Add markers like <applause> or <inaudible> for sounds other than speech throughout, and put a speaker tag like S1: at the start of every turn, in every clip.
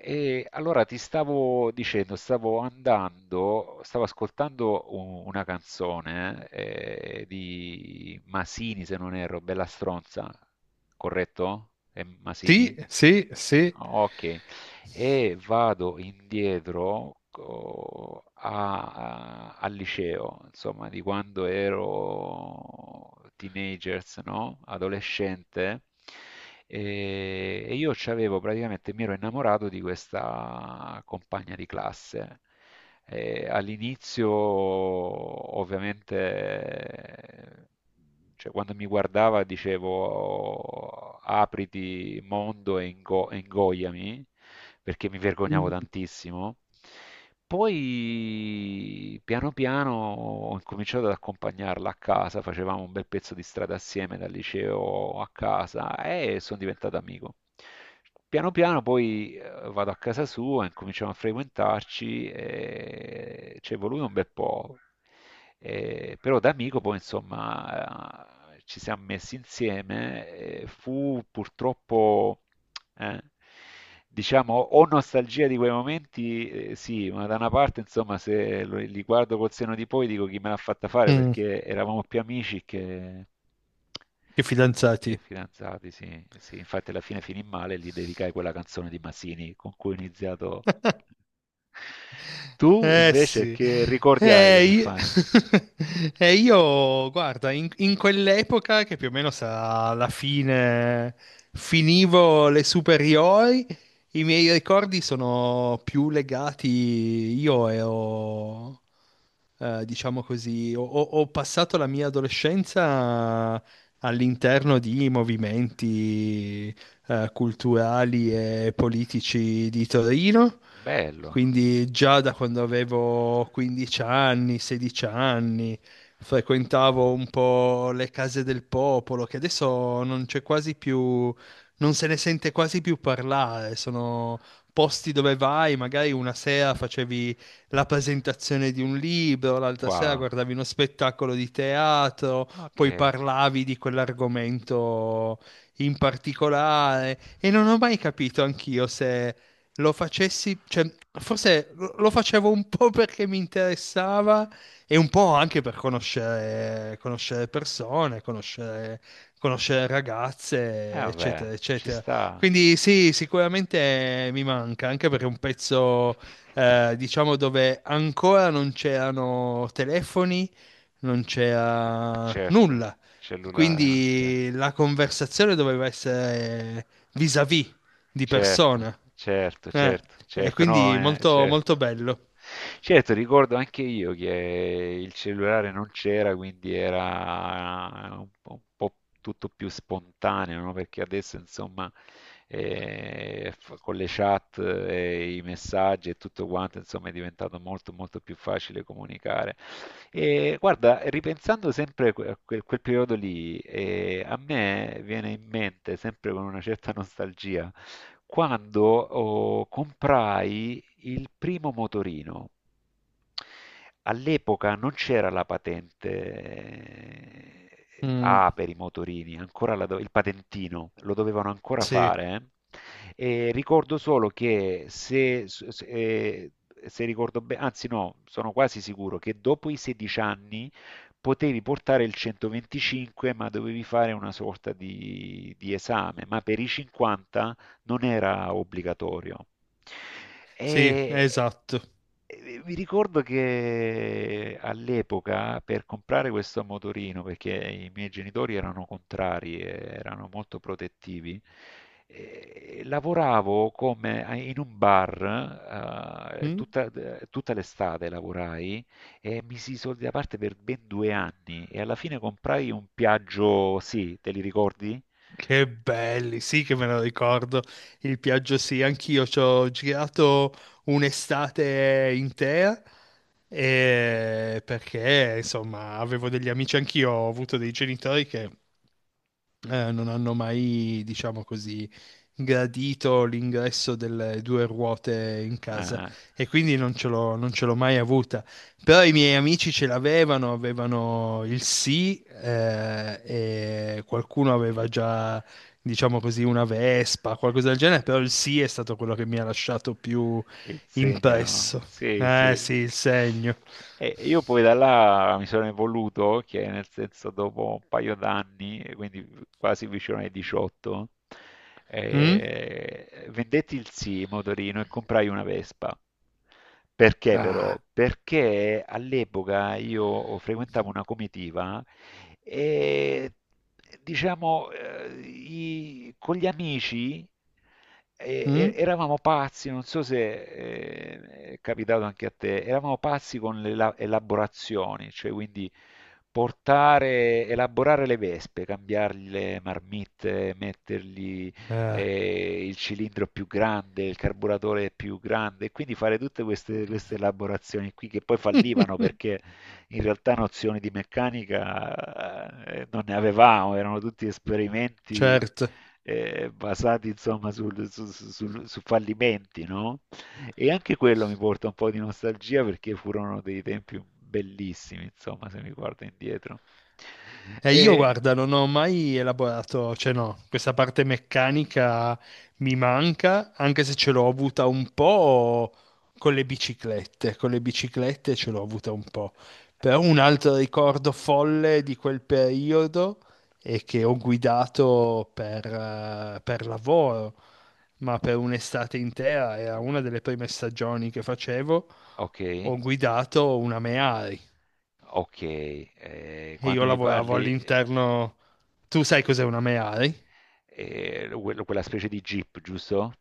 S1: E allora ti stavo dicendo, stavo andando, stavo ascoltando una canzone di Masini, se non erro, Bella Stronza, corretto? È
S2: Sì,
S1: Masini?
S2: sì, sì.
S1: Ok, e vado indietro al liceo, insomma, di quando ero teenagers, no? Adolescente. E io c'avevo praticamente, mi ero innamorato di questa compagna di classe. All'inizio, ovviamente, cioè, quando mi guardava dicevo apriti mondo e ingoiami, perché mi vergognavo tantissimo. Poi piano piano ho incominciato ad accompagnarla a casa, facevamo un bel pezzo di strada assieme dal liceo a casa e sono diventato amico. Piano piano poi vado a casa sua, incominciamo a frequentarci, e ci è voluto un bel po'. Però da amico poi insomma ci siamo messi insieme, fu purtroppo, eh, diciamo, ho nostalgia di quei momenti, sì, ma da una parte insomma se li guardo col seno di poi dico chi me l'ha fatta fare
S2: Mm,
S1: perché eravamo più amici che...
S2: che
S1: Che
S2: fidanzati.
S1: fidanzati, sì, sì, infatti alla fine finì male, gli dedicai quella canzone di Masini con cui ho iniziato.
S2: <laughs>
S1: Tu
S2: Eh
S1: invece
S2: sì.
S1: che ricordi hai
S2: Io...
S1: dell'infanzia?
S2: <laughs> io, guarda, in quell'epoca che più o meno sarà la fine, finivo le superiori, i miei ricordi sono più legati, io ero diciamo così, ho passato la mia adolescenza all'interno di movimenti culturali e politici di Torino,
S1: Bello,
S2: quindi già da quando avevo 15 anni, 16 anni, frequentavo un po' le case del popolo, che adesso non c'è quasi più, non se ne sente quasi più parlare, sono posti dove vai, magari una sera facevi la presentazione di un libro, l'altra sera
S1: wow,
S2: guardavi uno spettacolo di teatro,
S1: ok,
S2: poi
S1: e
S2: parlavi di quell'argomento in particolare e non ho mai capito anch'io se lo facessi, cioè forse lo facevo un po' perché mi interessava e un po' anche per conoscere, conoscere persone, conoscere, conoscere ragazze,
S1: vabbè,
S2: eccetera,
S1: ci
S2: eccetera.
S1: sta.
S2: Quindi sì, sicuramente mi manca, anche perché è un pezzo diciamo dove ancora non c'erano telefoni, non c'era
S1: Certo,
S2: nulla.
S1: cellulare non c'era.
S2: Quindi la conversazione doveva essere vis-à-vis di
S1: Certo,
S2: persona.
S1: certo,
S2: Eh,
S1: certo,
S2: e
S1: certo, no,
S2: quindi molto, molto
S1: certo.
S2: bello.
S1: Certo, ricordo anche io che il cellulare non c'era, quindi era un po' tutto più spontaneo, no? Perché adesso, insomma, e con le chat e i messaggi e tutto quanto, insomma, è diventato molto molto più facile comunicare. E guarda, ripensando sempre a quel periodo lì, a me viene in mente, sempre con una certa nostalgia, quando oh, comprai il primo motorino. All'epoca non c'era la patente
S2: Mm,
S1: A per i motorini, ancora la il patentino, lo dovevano ancora
S2: sì,
S1: fare. E ricordo solo che se ricordo bene, anzi no, sono quasi sicuro che dopo i 16 anni potevi portare il 125, ma dovevi fare una sorta di esame, ma per i 50 non era obbligatorio.
S2: sì,
S1: E,
S2: esatto.
S1: e Vi ricordo che all'epoca per comprare questo motorino, perché i miei genitori erano contrari, erano molto protettivi, lavoravo come in un bar,
S2: Mm.
S1: tutta l'estate lavorai e misi i soldi da parte per ben 2 anni e alla fine comprai un Piaggio, sì, te li ricordi?
S2: Che belli, sì che me lo ricordo, il Piaggio sì, anch'io ci ho girato un'estate intera perché insomma avevo degli amici, anch'io ho avuto dei genitori che non hanno mai, diciamo così, gradito l'ingresso delle due ruote in casa
S1: Ah.
S2: e quindi non ce l'ho mai avuta. Però i miei amici ce l'avevano, avevano il sì, e qualcuno aveva già, diciamo così, una Vespa, qualcosa del genere, però il sì è stato quello che mi ha lasciato più
S1: Il segno, no?
S2: impresso.
S1: Sì,
S2: Eh
S1: sì.
S2: sì, il segno.
S1: E io poi da là mi sono evoluto, che nel senso dopo un paio d'anni, e quindi quasi vicino ai 18,
S2: Mm?
S1: vendetti il sì motorino e comprai una Vespa. Perché però?
S2: Ah.
S1: Perché all'epoca io frequentavo una comitiva e diciamo, con gli amici
S2: Mm?
S1: eravamo pazzi, non so se è capitato anche a te, eravamo pazzi con le elaborazioni, cioè quindi portare, elaborare le vespe, cambiargli le marmitte, mettergli
S2: Eh.
S1: il cilindro più grande, il carburatore più grande, e quindi fare tutte queste elaborazioni qui che poi fallivano
S2: <laughs>
S1: perché in realtà nozioni di meccanica non ne avevamo, erano tutti esperimenti
S2: Certo.
S1: basati insomma su fallimenti, no? E anche quello mi porta un po' di nostalgia perché furono dei tempi bellissimi, insomma, se mi guardo indietro. E,
S2: Io guarda, non ho mai elaborato, cioè no, questa parte meccanica mi manca, anche se ce l'ho avuta un po' con le biciclette ce l'ho avuta un po'. Però un altro ricordo folle di quel periodo è che ho guidato per lavoro, ma per un'estate intera, era una delle prime stagioni che facevo,
S1: ok,
S2: ho guidato una Mehari
S1: ok,
S2: e io
S1: quando mi
S2: lavoravo
S1: parli,
S2: all'interno. Tu sai cos'è una Meari?
S1: quella specie di Jeep, giusto?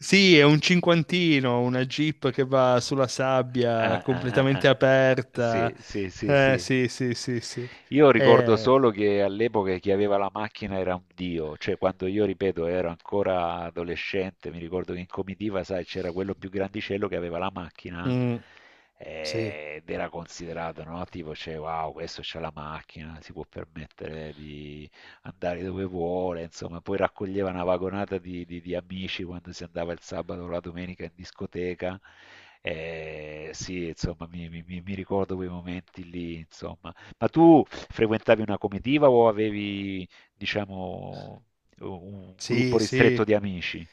S2: Sì, è un cinquantino, una Jeep che va sulla sabbia
S1: Ah, ah, ah,
S2: completamente
S1: ah.
S2: aperta.
S1: Sì, sì, sì, sì.
S2: Sì, sì, sì, sì.
S1: Io ricordo
S2: Eh,
S1: solo che all'epoca chi aveva la macchina era un dio, cioè quando io, ripeto, ero ancora adolescente, mi ricordo che in comitiva, sai, c'era quello più grandicello che aveva la macchina
S2: mm, sì,
S1: ed era considerato, no? Tipo, cioè, wow, questo c'ha la macchina, si può permettere di andare dove vuole, insomma, poi raccoglieva una vagonata di amici quando si andava il sabato o la domenica in discoteca. Sì, insomma, mi ricordo quei momenti lì, insomma. Ma tu frequentavi una comitiva o avevi, diciamo, un gruppo
S2: sì,
S1: ristretto
S2: sì.
S1: di amici?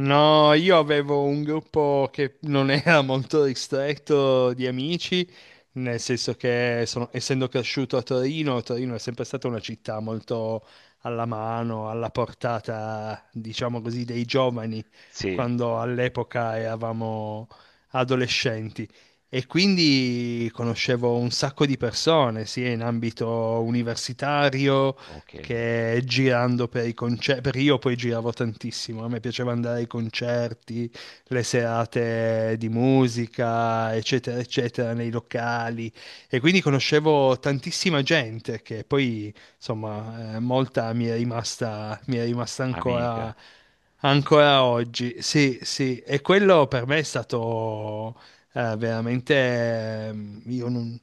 S2: No, io avevo un gruppo che non era <laughs> molto ristretto di amici, nel senso che essendo cresciuto a Torino, Torino è sempre stata una città molto alla mano, alla portata, diciamo così, dei giovani,
S1: Sì,
S2: quando all'epoca eravamo adolescenti. E quindi conoscevo un sacco di persone, sia in ambito universitario,
S1: ok,
S2: che girando per i concerti, per io poi giravo tantissimo, a me piaceva andare ai concerti, le serate di musica, eccetera, eccetera, nei locali e quindi conoscevo tantissima gente che poi, insomma, molta mi è rimasta ancora,
S1: amica.
S2: ancora oggi. Sì, sì, e quello per me è stato veramente io non,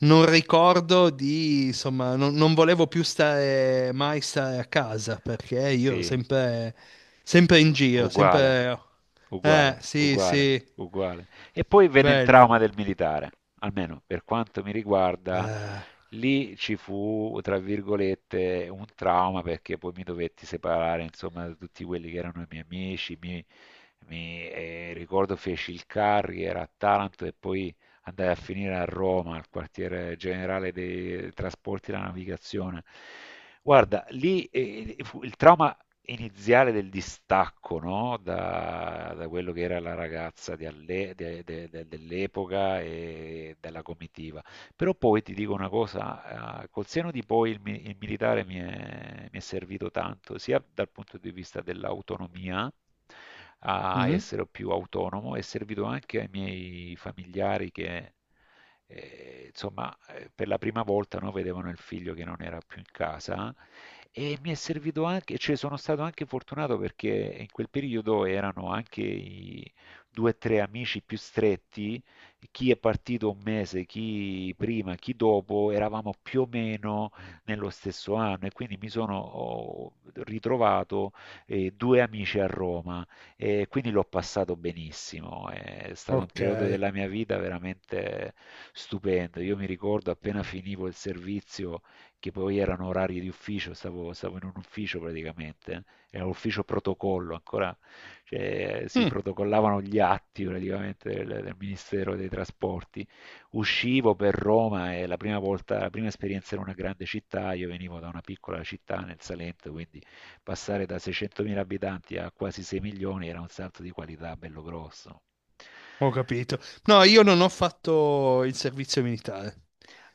S2: non ricordo di, insomma, non volevo più stare mai stare a casa perché io
S1: Sì,
S2: sempre, sempre in giro,
S1: uguale,
S2: sempre...
S1: uguale,
S2: sì,
S1: uguale,
S2: sì,
S1: uguale. E poi venne il
S2: bello.
S1: trauma del militare, almeno per quanto mi riguarda,
S2: Eh,
S1: lì ci fu, tra virgolette, un trauma perché poi mi dovetti separare, insomma, da tutti quelli che erano i miei amici. Ricordo feci il carrier a Taranto e poi andai a finire a Roma, al quartiere generale dei trasporti e della navigazione. Guarda, lì il trauma iniziale del distacco, no? Da quello che era la ragazza di alle- de- de- de- dell'epoca e della comitiva. Però poi ti dico una cosa, col seno di poi il militare mi è servito tanto, sia dal punto di vista dell'autonomia, a
S2: mm,
S1: essere più autonomo, è servito anche ai miei familiari che, insomma, per la prima volta no, vedevano il figlio che non era più in casa e mi è servito anche, cioè sono stato anche fortunato perché in quel periodo erano anche i due o tre amici più stretti chi è partito un mese, chi prima, chi dopo, eravamo più o meno nello stesso anno e quindi mi sono ho ritrovato due amici a Roma e quindi l'ho passato benissimo. È stato un
S2: ok,
S1: periodo della mia vita veramente stupendo. Io mi ricordo appena finivo il servizio, che poi erano orari di ufficio, stavo in un ufficio praticamente, era un ufficio protocollo, ancora cioè, si
S2: Mm,
S1: protocollavano gli atti praticamente del Ministero dei Trasporti. Uscivo per Roma e la prima volta, la prima esperienza in una grande città, io venivo da una piccola città nel Salento, quindi passare da 600.000 abitanti a quasi 6 milioni era un salto di qualità bello grosso.
S2: ho capito. No, io non ho fatto il servizio militare.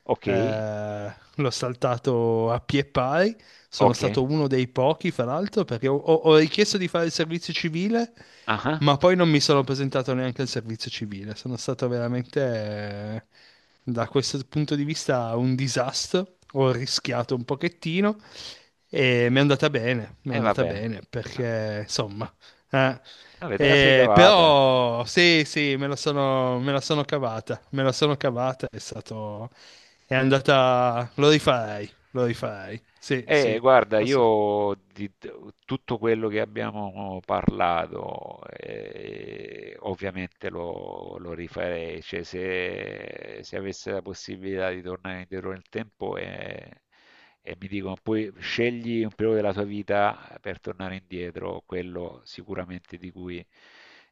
S1: Ok,
S2: L'ho saltato a pie pari, sono
S1: ok,
S2: stato uno dei pochi, fra l'altro, perché ho richiesto di fare il servizio civile,
S1: ah,
S2: ma poi non mi sono presentato neanche al servizio civile. Sono stato veramente, da questo punto di vista, un disastro. Ho rischiato un pochettino e mi è andata bene, mi è
S1: e
S2: andata
S1: vabbè,
S2: bene, perché insomma... eh,
S1: avete la sei cavata.
S2: però sì, sì, me la sono cavata, me la sono cavata, è stato, è andata... Lo rifarei, lo rifarei. Sì, sì,
S1: Guarda,
S2: ass-
S1: io tutto quello che abbiamo parlato, ovviamente lo rifarei, cioè se avessi la possibilità di tornare indietro nel tempo, e mi dicono poi scegli un periodo della tua vita per tornare indietro, quello sicuramente di cui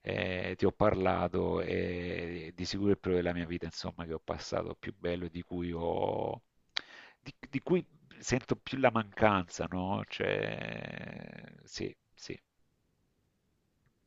S1: ti ho parlato e di sicuro il periodo della mia vita, insomma, che ho passato più bello e di cui di cui sento più la mancanza, no? Cioè, sì, sì.